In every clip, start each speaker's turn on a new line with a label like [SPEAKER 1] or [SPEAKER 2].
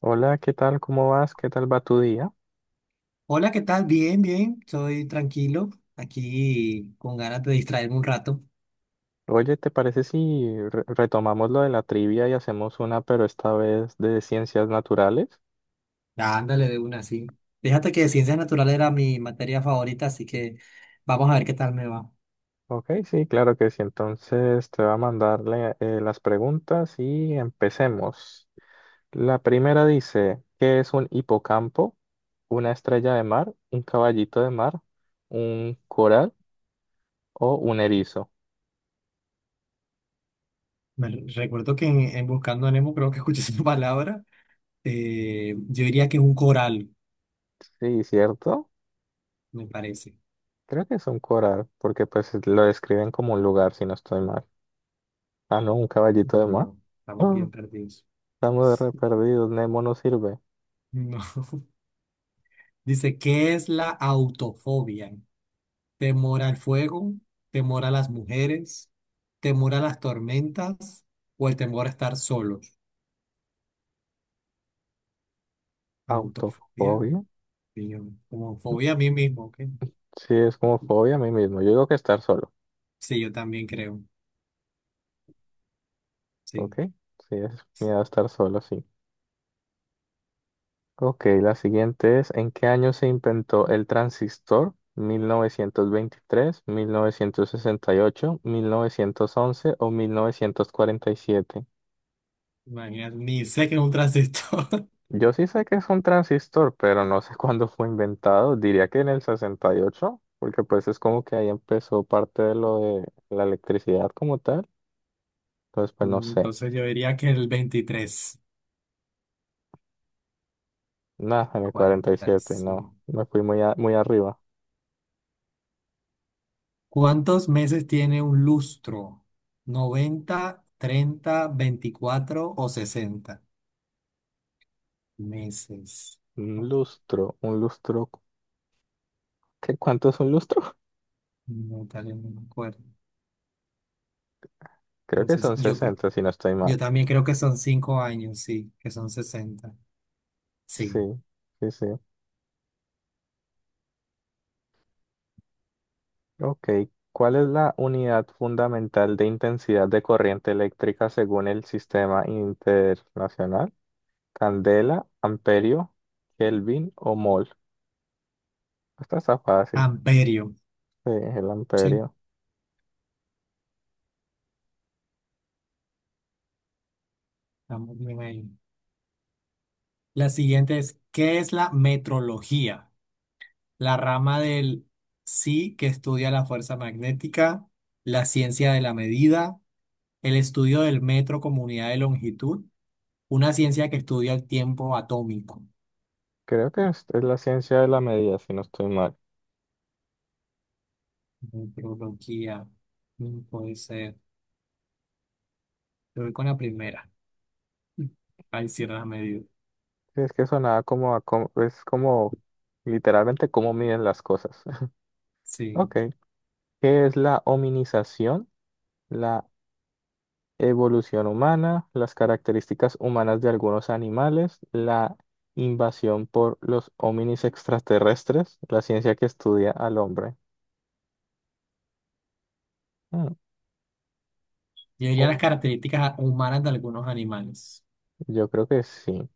[SPEAKER 1] Hola, ¿qué tal? ¿Cómo vas? ¿Qué tal va tu día?
[SPEAKER 2] Hola, ¿qué tal? Bien, bien, estoy tranquilo, aquí con ganas de distraerme un rato.
[SPEAKER 1] Oye, ¿te parece si retomamos lo de la trivia y hacemos una, pero esta vez de ciencias naturales?
[SPEAKER 2] Ándale de una, sí. Fíjate que ciencias naturales era mi materia favorita, así que vamos a ver qué tal me va.
[SPEAKER 1] Ok, sí, claro que sí. Entonces te va a mandarle las preguntas y empecemos. La primera dice, ¿qué es un hipocampo? ¿Una estrella de mar? ¿Un caballito de mar? ¿Un coral o un erizo?
[SPEAKER 2] Me recuerdo que en Buscando a Nemo creo que escuché esa palabra. Yo diría que es un coral,
[SPEAKER 1] Sí, ¿cierto?
[SPEAKER 2] me parece.
[SPEAKER 1] Creo que es un coral, porque pues lo describen como un lugar, si no estoy mal. Ah, no, un caballito de mar.
[SPEAKER 2] No, estamos
[SPEAKER 1] Ah,
[SPEAKER 2] bien perdidos.
[SPEAKER 1] estamos re perdidos. Nemo no sirve.
[SPEAKER 2] No. Dice, ¿qué es la autofobia? Temor al fuego, temor a las mujeres, temor a las tormentas o el temor a estar solos. Autofobia,
[SPEAKER 1] Autofobia.
[SPEAKER 2] sí, como fobia a mí mismo, ¿ok?
[SPEAKER 1] Sí, es como fobia a mí mismo. Yo digo que estar solo.
[SPEAKER 2] Sí, yo también creo,
[SPEAKER 1] ¿Ok?
[SPEAKER 2] sí.
[SPEAKER 1] Sí, es miedo a estar solo, sí. Ok, la siguiente es, ¿en qué año se inventó el transistor? Mil novecientos veintitrés, mil novecientos sesenta y ocho, mil novecientos once o 1947.
[SPEAKER 2] Imagínate, ni sé que es un transistor.
[SPEAKER 1] Yo sí sé que es un transistor, pero no sé cuándo fue inventado. Diría que en el 68, porque pues es como que ahí empezó parte de lo de la electricidad como tal. Entonces, pues no sé.
[SPEAKER 2] Entonces yo diría que el 23,
[SPEAKER 1] Nada, en el 47, no.
[SPEAKER 2] 45.
[SPEAKER 1] Me fui muy, muy arriba.
[SPEAKER 2] ¿Cuántos meses tiene un lustro? ¿90, 30, 24 o 60 meses? Oh,
[SPEAKER 1] Un lustro. ¿Qué, cuánto es un lustro?
[SPEAKER 2] no, tal vez no me acuerdo.
[SPEAKER 1] Creo que
[SPEAKER 2] Entonces,
[SPEAKER 1] son
[SPEAKER 2] yo creo.
[SPEAKER 1] sesenta si no estoy
[SPEAKER 2] Yo
[SPEAKER 1] mal.
[SPEAKER 2] también creo que son 5 años, sí, que son 60.
[SPEAKER 1] Sí,
[SPEAKER 2] Sí.
[SPEAKER 1] sí. Ok. ¿Cuál es la unidad fundamental de intensidad de corriente eléctrica según el sistema internacional? Candela, amperio, Kelvin o mol. Esta está fácil.
[SPEAKER 2] Amperio.
[SPEAKER 1] Sí, es el
[SPEAKER 2] Sí,
[SPEAKER 1] amperio.
[SPEAKER 2] estamos bien ahí. La siguiente es, ¿qué es la metrología? La rama del sí que estudia la fuerza magnética, la ciencia de la medida, el estudio del metro como unidad de longitud, una ciencia que estudia el tiempo atómico.
[SPEAKER 1] Creo que es la ciencia de la medida, si no estoy mal.
[SPEAKER 2] Metrología. Puede ser. Yo voy con la primera. Ahí cierra la medida.
[SPEAKER 1] Sí, es que sonaba como, es como literalmente cómo miden las cosas. Ok.
[SPEAKER 2] Sí.
[SPEAKER 1] ¿Qué es la hominización? La evolución humana, las características humanas de algunos animales, la invasión por los hominis extraterrestres, la ciencia que estudia al hombre. Mm,
[SPEAKER 2] Yo diría
[SPEAKER 1] o-
[SPEAKER 2] las características humanas de algunos animales.
[SPEAKER 1] Yo creo que sí.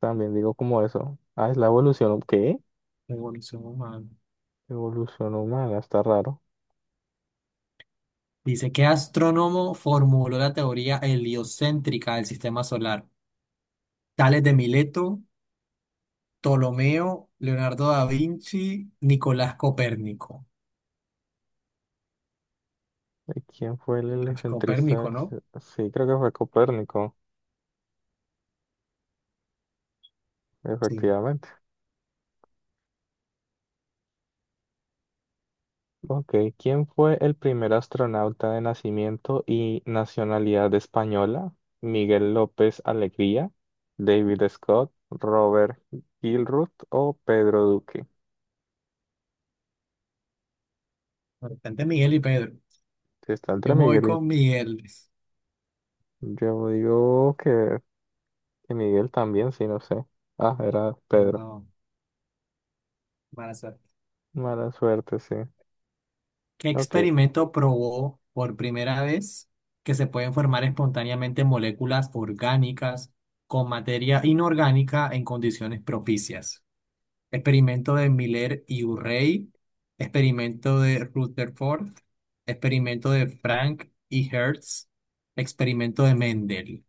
[SPEAKER 1] También digo como eso. Ah, es la evolución. ¿Qué?
[SPEAKER 2] Evolución humana.
[SPEAKER 1] Evolución humana, está raro.
[SPEAKER 2] Dice, ¿qué astrónomo formuló la teoría heliocéntrica del sistema solar? Tales de Mileto, Ptolomeo, Leonardo da Vinci, Nicolás Copérnico.
[SPEAKER 1] ¿Quién fue el
[SPEAKER 2] Ay,
[SPEAKER 1] heliocentrista?
[SPEAKER 2] Copérnico, ¿no?
[SPEAKER 1] Sí, creo que fue Copérnico,
[SPEAKER 2] Sí.
[SPEAKER 1] efectivamente. Ok, ¿quién fue el primer astronauta de nacimiento y nacionalidad española? ¿Miguel López Alegría, David Scott, Robert Gilruth o Pedro Duque?
[SPEAKER 2] Bastante Miguel y Pedro.
[SPEAKER 1] Si está
[SPEAKER 2] Yo
[SPEAKER 1] entre
[SPEAKER 2] me voy
[SPEAKER 1] Miguel
[SPEAKER 2] con Miguel.
[SPEAKER 1] y... Yo digo que Miguel también, sí, no sé. Ah, era Pedro.
[SPEAKER 2] No, mala suerte.
[SPEAKER 1] Mala suerte, sí.
[SPEAKER 2] ¿Qué
[SPEAKER 1] Ok,
[SPEAKER 2] experimento probó por primera vez que se pueden formar espontáneamente moléculas orgánicas con materia inorgánica en condiciones propicias? Experimento de Miller y Urey, experimento de Rutherford, experimento de Frank y Hertz, experimento de Mendel.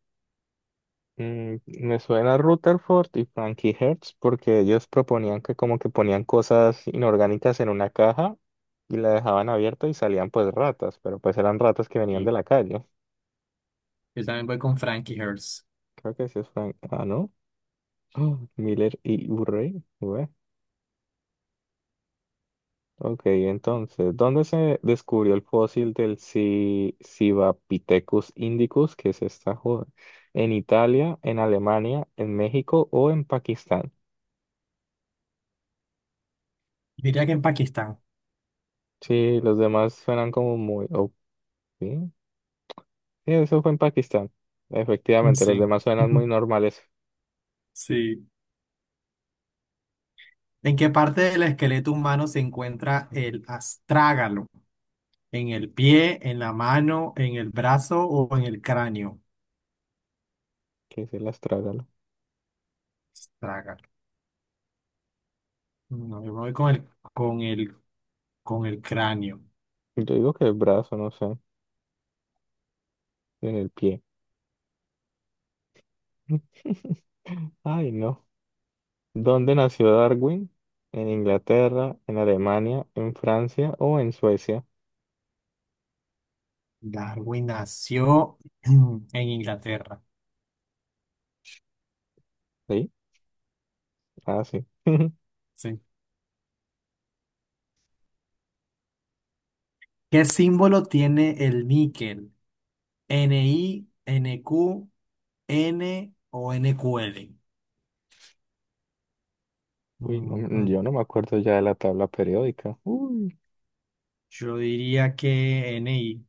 [SPEAKER 1] mm, me suena Rutherford y Frankie Hertz porque ellos proponían que como que ponían cosas inorgánicas en una caja y la dejaban abierta y salían pues ratas, pero pues eran ratas que venían de
[SPEAKER 2] Sí.
[SPEAKER 1] la calle.
[SPEAKER 2] Yo también voy con Frank y Hertz.
[SPEAKER 1] Creo que sí es Frank. Ah, ¿no? Miller y Urey. Ué. Ok, entonces, ¿dónde se descubrió el fósil del Civapithecus indicus, que es esta joda? ¿En Italia, en Alemania, en México o en Pakistán?
[SPEAKER 2] Diría que en Pakistán.
[SPEAKER 1] Sí, los demás suenan como muy, o sí, sí, eso fue en Pakistán. Efectivamente, los
[SPEAKER 2] Sí.
[SPEAKER 1] demás suenan muy normales.
[SPEAKER 2] Sí. ¿En qué parte del esqueleto humano se encuentra el astrágalo? ¿En el pie, en la mano, en el brazo o en el cráneo?
[SPEAKER 1] Que se las trágalo.
[SPEAKER 2] Traga. No, yo me voy con el, con el cráneo.
[SPEAKER 1] Yo digo que el brazo, no sé, en el pie. Ay, no. ¿Dónde nació Darwin? ¿En Inglaterra, en Alemania, en Francia o en Suecia?
[SPEAKER 2] Darwin nació en Inglaterra.
[SPEAKER 1] Sí, ah, sí.
[SPEAKER 2] Sí. ¿Qué símbolo tiene el níquel? ¿NI, NQ, N o NQL?
[SPEAKER 1] Uy,
[SPEAKER 2] Ujú.
[SPEAKER 1] yo no me acuerdo ya de la tabla periódica. Uy,
[SPEAKER 2] Yo diría que NI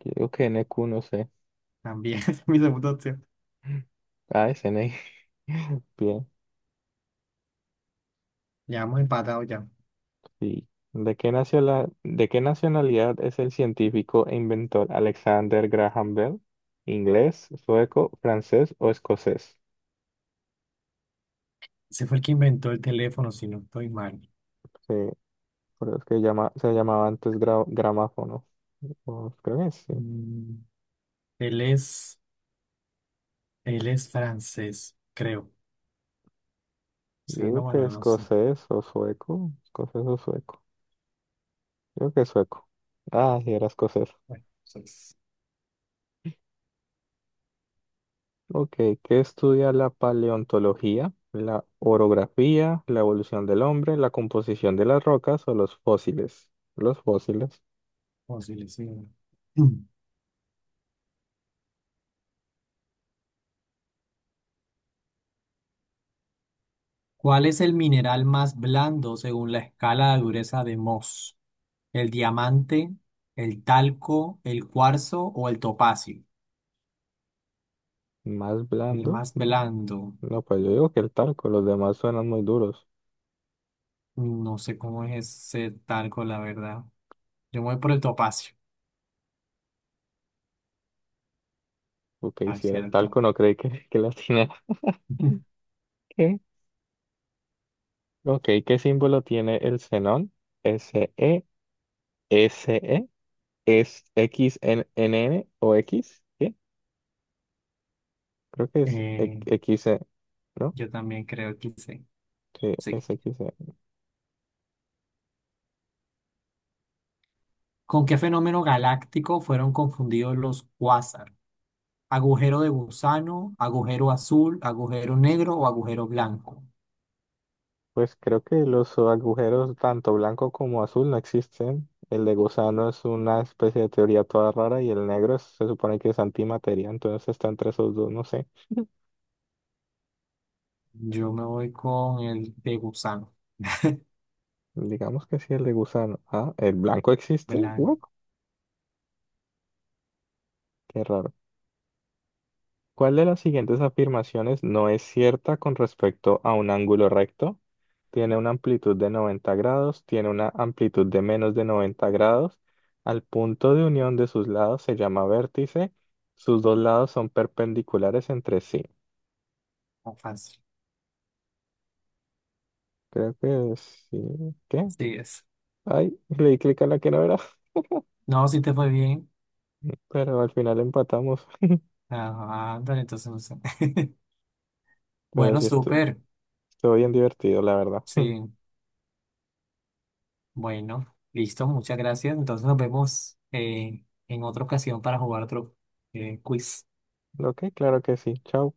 [SPEAKER 1] yo digo que N NQ, no sé.
[SPEAKER 2] también es mi segunda opción.
[SPEAKER 1] Ah, es NI. Bien.
[SPEAKER 2] Ya hemos empatado ya.
[SPEAKER 1] Sí. ¿De qué de qué nacionalidad es el científico e inventor Alexander Graham Bell? ¿Inglés, sueco, francés o escocés?
[SPEAKER 2] Ese fue el que inventó el teléfono, si no estoy mal.
[SPEAKER 1] Sí, pero es que llama, se llamaba antes gramáfono. O creo que sí.
[SPEAKER 2] Mm. Él es, él es francés, creo.
[SPEAKER 1] Yo
[SPEAKER 2] Sí, no,
[SPEAKER 1] creo que
[SPEAKER 2] bueno, no sé.
[SPEAKER 1] escocés o sueco. Escocés o sueco. Yo creo que sueco. Ah, sí, era escocés.
[SPEAKER 2] Bueno, eso es
[SPEAKER 1] Ok, ¿qué estudia la paleontología? ¿La orografía, la evolución del hombre, la composición de las rocas o los fósiles? Los fósiles.
[SPEAKER 2] posible, sí. Mm. ¿Cuál es el mineral más blando según la escala de dureza de Mohs? ¿El diamante, el talco, el cuarzo o el topacio?
[SPEAKER 1] Más
[SPEAKER 2] El
[SPEAKER 1] blando.
[SPEAKER 2] más blando.
[SPEAKER 1] No, pues yo digo que el talco, los demás suenan muy duros.
[SPEAKER 2] No sé cómo es ese talco, la verdad. Yo me voy por el topacio.
[SPEAKER 1] Ok,
[SPEAKER 2] Ah,
[SPEAKER 1] si era
[SPEAKER 2] sí,
[SPEAKER 1] el talco, no creí que, que la tiene. ¿Qué? Ok, ¿qué símbolo tiene el xenón? S-E, S-E, es X-N-N o X? ¿Qué? Creo que es
[SPEAKER 2] Eh,
[SPEAKER 1] X-E, ¿no?
[SPEAKER 2] yo también creo que sí.
[SPEAKER 1] Sí,
[SPEAKER 2] Sí.
[SPEAKER 1] es X-E.
[SPEAKER 2] ¿Con qué fenómeno galáctico fueron confundidos los cuásar? ¿Agujero de gusano, agujero azul, agujero negro o agujero blanco?
[SPEAKER 1] Pues creo que los agujeros, tanto blanco como azul, no existen. El de gusano es una especie de teoría toda rara y el negro se supone que es antimateria, entonces está entre esos dos, no sé.
[SPEAKER 2] Yo me voy con el de gusano,
[SPEAKER 1] Digamos que sí, el de gusano. Ah, ¿el blanco existe? What?
[SPEAKER 2] blanco,
[SPEAKER 1] Qué raro. ¿Cuál de las siguientes afirmaciones no es cierta con respecto a un ángulo recto? Tiene una amplitud de 90 grados, tiene una amplitud de menos de 90 grados. Al punto de unión de sus lados se llama vértice. Sus dos lados son perpendiculares entre sí.
[SPEAKER 2] fácil.
[SPEAKER 1] Creo que sí. ¿Qué?
[SPEAKER 2] Sí es.
[SPEAKER 1] Ay, le di clic a la que no era,
[SPEAKER 2] No, si te fue bien.
[SPEAKER 1] pero al final empatamos.
[SPEAKER 2] Ajá, ándale, entonces no sé.
[SPEAKER 1] Pero
[SPEAKER 2] Bueno,
[SPEAKER 1] sí,
[SPEAKER 2] súper.
[SPEAKER 1] estuvo bien divertido, la verdad.
[SPEAKER 2] Sí, bueno, listo, muchas gracias. Entonces nos vemos en otra ocasión para jugar otro quiz.
[SPEAKER 1] Ok, claro que sí. Chao.